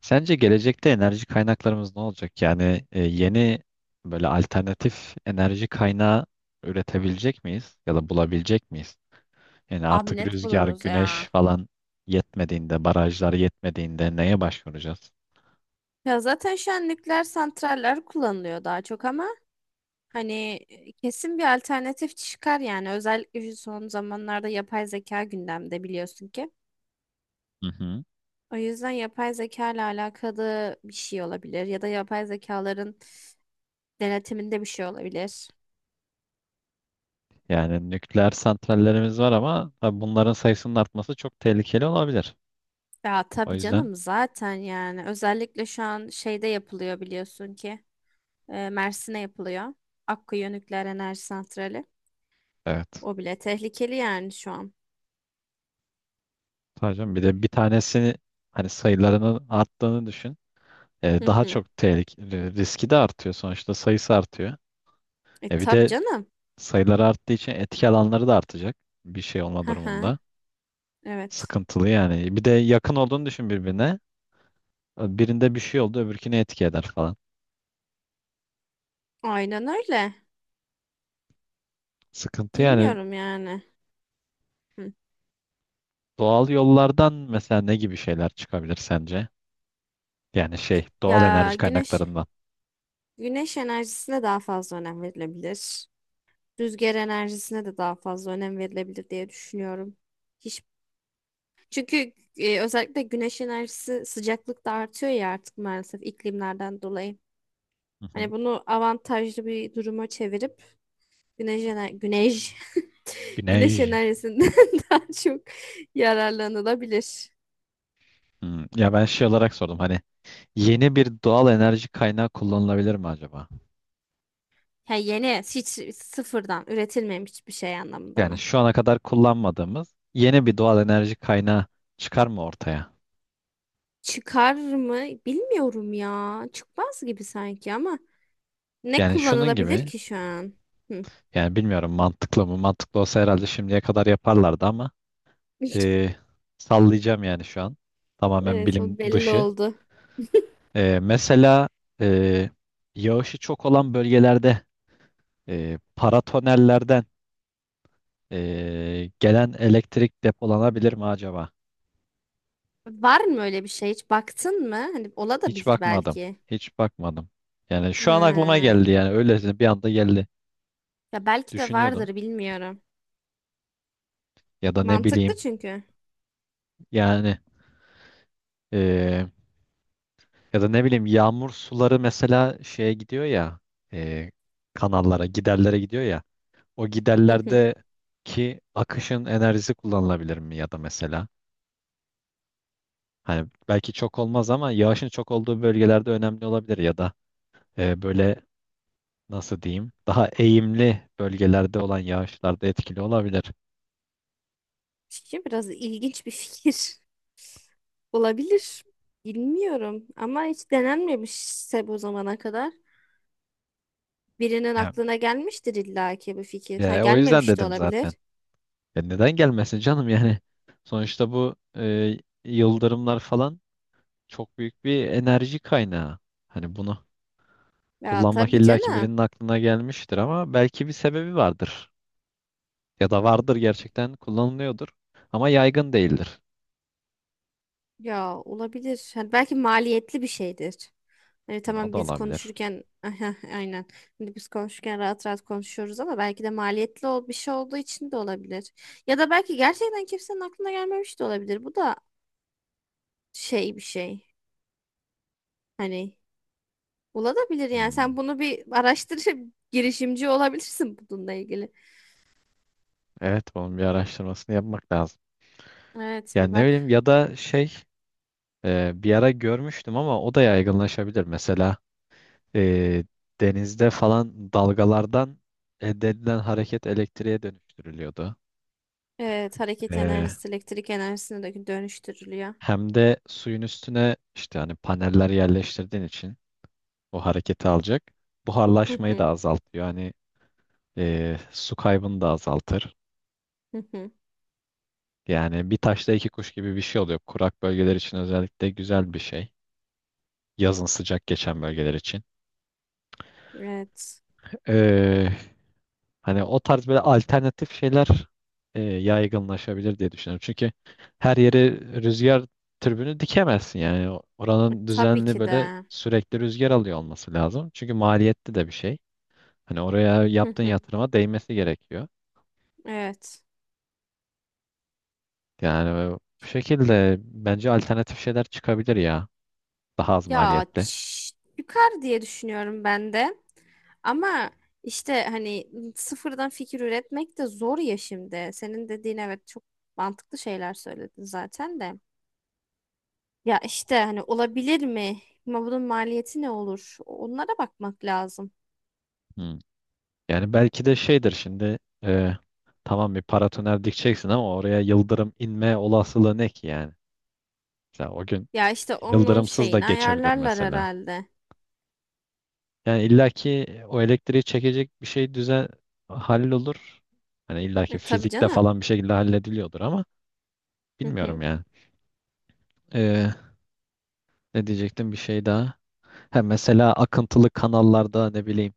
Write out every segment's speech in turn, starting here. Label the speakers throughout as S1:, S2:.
S1: Sence gelecekte enerji kaynaklarımız ne olacak? Yani yeni böyle alternatif enerji kaynağı üretebilecek miyiz ya da bulabilecek miyiz? Yani
S2: Abi
S1: artık
S2: net
S1: rüzgar,
S2: buluruz ya.
S1: güneş falan yetmediğinde, barajlar yetmediğinde neye başvuracağız?
S2: Ya zaten şu an nükleer santraller kullanılıyor daha çok ama hani kesin bir alternatif çıkar yani. Özellikle şu son zamanlarda yapay zeka gündemde biliyorsun ki.
S1: Hı hı.
S2: O yüzden yapay zeka ile alakalı bir şey olabilir ya da yapay zekaların denetiminde bir şey olabilir.
S1: Yani nükleer santrallerimiz var ama tabii bunların sayısının artması çok tehlikeli olabilir.
S2: Ya
S1: O
S2: tabii
S1: yüzden
S2: canım zaten yani özellikle şu an şeyde yapılıyor biliyorsun ki, Mersin'e yapılıyor. Akkuyu Nükleer Enerji Santrali.
S1: evet.
S2: O bile tehlikeli yani şu an.
S1: Tabii canım, bir de bir tanesi hani sayılarının arttığını düşün. Daha çok tehlikeli, riski de artıyor sonuçta sayısı artıyor.
S2: E
S1: Bir
S2: tabii
S1: de
S2: canım.
S1: sayılar arttığı için etki alanları da artacak bir şey olma
S2: Hı hı.
S1: durumunda.
S2: Evet.
S1: Sıkıntılı yani. Bir de yakın olduğunu düşün birbirine. Birinde bir şey oldu, öbürküne etki eder falan.
S2: Aynen öyle.
S1: Sıkıntı yani
S2: Bilmiyorum yani. Hı.
S1: doğal yollardan mesela ne gibi şeyler çıkabilir sence? Yani şey, doğal
S2: Ya
S1: enerji
S2: güneş
S1: kaynaklarından.
S2: güneş enerjisine daha fazla önem verilebilir. Rüzgar enerjisine de daha fazla önem verilebilir diye düşünüyorum. Hiç çünkü özellikle güneş enerjisi sıcaklık da artıyor ya artık maalesef iklimlerden dolayı.
S1: Hı
S2: Hani
S1: hı.
S2: bunu avantajlı bir duruma çevirip güneş güneş
S1: Güneş.
S2: enerjisinden daha çok yararlanılabilir.
S1: Hmm. Ya ben şey olarak sordum hani yeni bir doğal enerji kaynağı kullanılabilir mi acaba?
S2: Ha, yeni hiç sıfırdan üretilmemiş hiçbir şey anlamında
S1: Yani
S2: mı?
S1: şu ana kadar kullanmadığımız yeni bir doğal enerji kaynağı çıkar mı ortaya?
S2: Çıkar mı? Bilmiyorum ya. Çıkmaz gibi sanki ama ne
S1: Yani şunun
S2: kullanılabilir
S1: gibi
S2: ki şu an? Hı.
S1: yani bilmiyorum mantıklı mı? Mantıklı olsa herhalde şimdiye kadar yaparlardı ama e, sallayacağım yani şu an. Tamamen
S2: Evet
S1: bilim
S2: o belli
S1: dışı.
S2: oldu.
S1: E, mesela e, yağışı çok olan bölgelerde paratonellerden gelen elektrik depolanabilir mi acaba?
S2: Var mı öyle bir şey? Hiç baktın mı? Hani ola da
S1: Hiç
S2: bilir
S1: bakmadım.
S2: belki.
S1: Hiç bakmadım. Yani şu an aklıma
S2: Ha.
S1: geldi yani öylesine bir anda geldi.
S2: Ya belki de
S1: Düşünüyordum.
S2: vardır bilmiyorum.
S1: Ya da ne
S2: Mantıklı
S1: bileyim
S2: çünkü.
S1: yani e, ya da ne bileyim yağmur suları mesela şeye gidiyor ya, e, kanallara giderlere gidiyor ya. O
S2: Hı hı.
S1: giderlerdeki akışın enerjisi kullanılabilir mi ya da mesela hani belki çok olmaz ama yağışın çok olduğu bölgelerde önemli olabilir ya da böyle nasıl diyeyim daha eğimli bölgelerde olan yağışlarda etkili olabilir.
S2: Çünkü biraz ilginç bir fikir. Olabilir. Bilmiyorum ama hiç denenmemişse bu zamana kadar. Birinin
S1: Ya,
S2: aklına gelmiştir illaki bu fikir. Ha
S1: ya, o yüzden
S2: gelmemiş de
S1: dedim zaten.
S2: olabilir.
S1: Ya neden gelmesin canım yani? Sonuçta bu yıldırımlar falan çok büyük bir enerji kaynağı. Hani bunu
S2: Ya
S1: kullanmak
S2: tabii
S1: illaki
S2: canım.
S1: birinin aklına gelmiştir ama belki bir sebebi vardır. Ya da vardır gerçekten kullanılıyordur. Ama yaygın değildir.
S2: Ya olabilir. Hani belki maliyetli bir şeydir. Hani
S1: Hı, o
S2: tamam
S1: da
S2: biz
S1: olabilir.
S2: konuşurken Aha, aynen. Şimdi biz konuşurken rahat rahat konuşuyoruz ama belki de maliyetli bir şey olduğu için de olabilir. Ya da belki gerçekten kimsenin aklına gelmemiş de olabilir. Bu da şey bir şey. Hani olabilir yani. Sen
S1: Hmm.
S2: bunu bir araştırıp girişimci olabilirsin bununla ilgili.
S1: Evet bunun bir araştırmasını yapmak lazım.
S2: Evet bir
S1: Yani ne bileyim
S2: bak.
S1: ya da şey bir ara görmüştüm ama o da yaygınlaşabilir. Mesela e, denizde falan dalgalardan elde edilen hareket elektriğe dönüştürülüyordu.
S2: Evet, hareket
S1: E,
S2: enerjisi elektrik enerjisine de dönüştürülüyor.
S1: Hem de suyun üstüne işte hani paneller yerleştirdiğin için o hareketi alacak.
S2: Hı
S1: Buharlaşmayı da
S2: hı,
S1: azaltıyor. Hani su kaybını da azaltır.
S2: hı hı.
S1: Yani bir taşla iki kuş gibi bir şey oluyor. Kurak bölgeler için özellikle güzel bir şey. Yazın sıcak geçen bölgeler için.
S2: Evet.
S1: Ee, hani o tarz böyle alternatif şeyler yaygınlaşabilir diye düşünüyorum. Çünkü her yere rüzgar türbünü dikemezsin yani.
S2: E,
S1: Oranın
S2: tabii
S1: düzenli
S2: ki
S1: böyle
S2: de.
S1: sürekli rüzgar alıyor olması lazım. Çünkü maliyetli de bir şey. Hani oraya
S2: Hı
S1: yaptığın
S2: hı.
S1: yatırıma değmesi gerekiyor.
S2: Evet.
S1: Yani bu şekilde bence alternatif şeyler çıkabilir ya. Daha az
S2: Ya
S1: maliyetli.
S2: çıkar diye düşünüyorum ben de. Ama işte hani sıfırdan fikir üretmek de zor ya şimdi. Senin dediğin evet çok mantıklı şeyler söyledin zaten de. Ya işte hani olabilir mi? Ama bunun maliyeti ne olur? Onlara bakmak lazım.
S1: Hmm. Yani belki de şeydir şimdi e, tamam bir paratoner dikeceksin ama oraya yıldırım inme olasılığı ne ki yani? Mesela o gün
S2: Ya işte onun
S1: yıldırımsız da
S2: şeyini
S1: geçebilir
S2: ayarlarlar
S1: mesela.
S2: herhalde.
S1: Yani illaki o elektriği çekecek bir şey düzen hallolur. Hani illaki
S2: E, tabii
S1: fizikte
S2: canım.
S1: falan bir şekilde hallediliyordur ama
S2: Hı hı.
S1: bilmiyorum yani. E, Ne diyecektim bir şey daha. Ha, mesela akıntılı kanallarda ne bileyim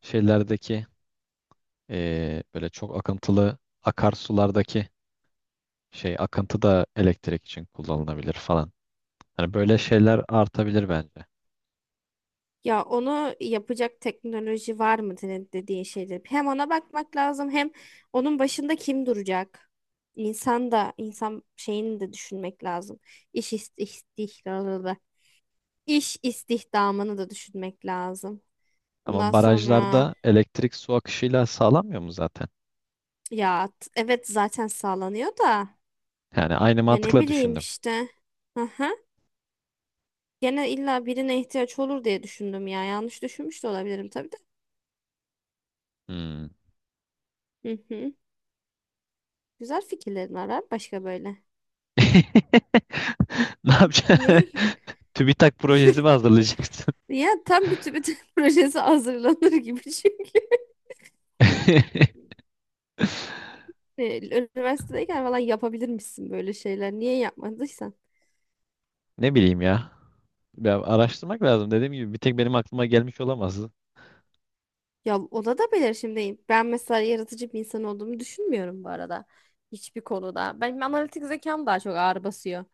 S1: şeylerdeki böyle çok akıntılı akarsulardaki şey akıntı da elektrik için kullanılabilir falan. Hani böyle şeyler artabilir bence.
S2: Ya onu yapacak teknoloji var mı dediğin şeydir. Hem ona bakmak lazım hem onun başında kim duracak? İnsan da insan şeyini de düşünmek lazım. İş istihdamını, iş istihdamını da düşünmek lazım.
S1: Ama
S2: Bundan sonra
S1: barajlarda elektrik su akışıyla sağlanmıyor mu zaten?
S2: ya evet zaten sağlanıyor da
S1: Yani aynı
S2: ya ne
S1: mantıkla
S2: bileyim
S1: düşündüm.
S2: işte. Aha. Gene illa birine ihtiyaç olur diye düşündüm ya. Yanlış düşünmüş de olabilirim tabii de.
S1: Hmm.
S2: Hı hı. Güzel fikirlerin var ha başka böyle.
S1: Ne
S2: Ne?
S1: yapacaksın? TÜBİTAK projesi mi hazırlayacaksın?
S2: Ya tam bütün projesi hazırlanır gibi çünkü. E, Üniversitedeyken falan yapabilirmişsin böyle şeyler. Niye yapmadıysan?
S1: Ne bileyim ya. Ya araştırmak lazım. Dediğim gibi bir tek benim aklıma gelmiş olamaz.
S2: Ya ona da belirşimdeyim. Ben mesela yaratıcı bir insan olduğumu düşünmüyorum bu arada. Hiçbir konuda. Benim analitik zekam daha çok ağır basıyor.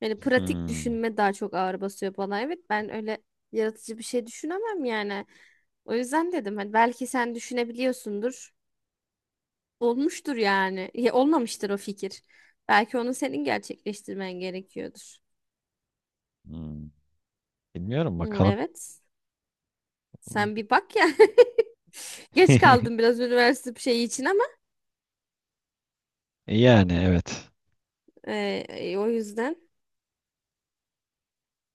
S2: Yani pratik
S1: Hmm.
S2: düşünme daha çok ağır basıyor bana. Evet ben öyle yaratıcı bir şey düşünemem yani. O yüzden dedim hani belki sen düşünebiliyorsundur. Olmuştur yani. Ya, olmamıştır o fikir. Belki onu senin gerçekleştirmen gerekiyordur.
S1: Hmm. Bilmiyorum
S2: Hmm,
S1: bakalım.
S2: evet. Sen bir bak ya. Geç kaldım biraz üniversite bir şeyi için ama
S1: Yani evet.
S2: e, o yüzden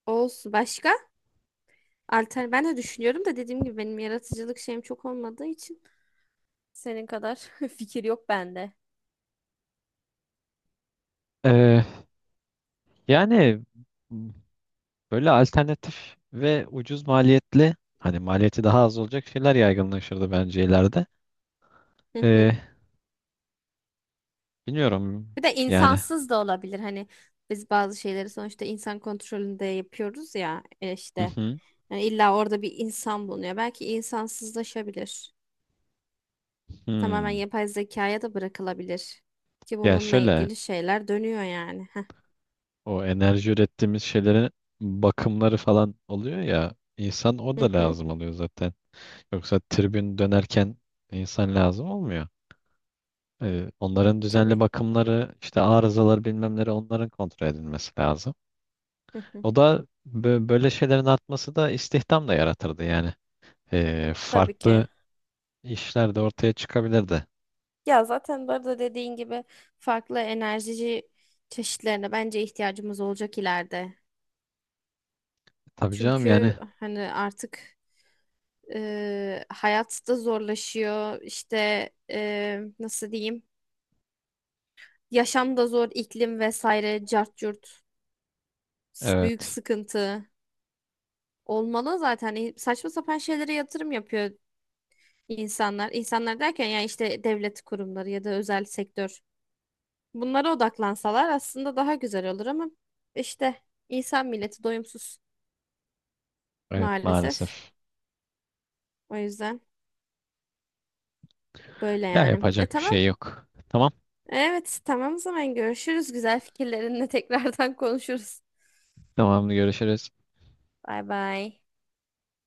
S2: olsun. Başka? Alter ben de düşünüyorum da dediğim gibi benim yaratıcılık şeyim çok olmadığı için senin kadar fikir yok bende.
S1: Ee, Yani böyle alternatif ve ucuz maliyetli hani maliyeti daha az olacak şeyler yaygınlaşırdı bence ileride. Ee, Bilmiyorum
S2: Bir de
S1: yani.
S2: insansız da olabilir. Hani biz bazı şeyleri sonuçta insan kontrolünde yapıyoruz ya
S1: Hı
S2: işte.
S1: hı.
S2: Yani illa orada bir insan bulunuyor. Belki insansızlaşabilir. Tamamen
S1: Hmm.
S2: yapay zekaya da bırakılabilir. Ki
S1: Ya
S2: bununla
S1: şöyle
S2: ilgili şeyler dönüyor yani. Heh.
S1: o enerji ürettiğimiz şeylerin bakımları falan oluyor ya insan o
S2: Hı
S1: da
S2: hı.
S1: lazım oluyor zaten. Yoksa tribün dönerken insan lazım olmuyor.
S2: E,
S1: Onların düzenli
S2: tabii.
S1: bakımları, işte arızaları bilmemleri onların kontrol edilmesi lazım.
S2: Hı hı.
S1: O da böyle şeylerin artması da istihdam da yaratırdı yani.
S2: Tabii ki.
S1: Farklı işler de ortaya çıkabilirdi.
S2: Ya zaten bu arada dediğin gibi farklı enerji çeşitlerine bence ihtiyacımız olacak ileride.
S1: Tabii canım
S2: Çünkü
S1: yani
S2: hani artık hayat da zorlaşıyor. İşte nasıl diyeyim? Yaşam da zor, iklim vesaire, cart curt, büyük
S1: evet.
S2: sıkıntı olmalı zaten. E, saçma sapan şeylere yatırım yapıyor insanlar. İnsanlar derken yani işte devlet kurumları ya da özel sektör. Bunlara odaklansalar aslında daha güzel olur ama işte insan milleti doyumsuz
S1: Evet
S2: maalesef.
S1: maalesef.
S2: O yüzden böyle
S1: Ya
S2: yani. E
S1: yapacak bir
S2: tamam.
S1: şey yok. Tamam.
S2: Evet tamam o zaman görüşürüz. Güzel fikirlerinle tekrardan konuşuruz.
S1: Tamam görüşürüz.
S2: Bay bay.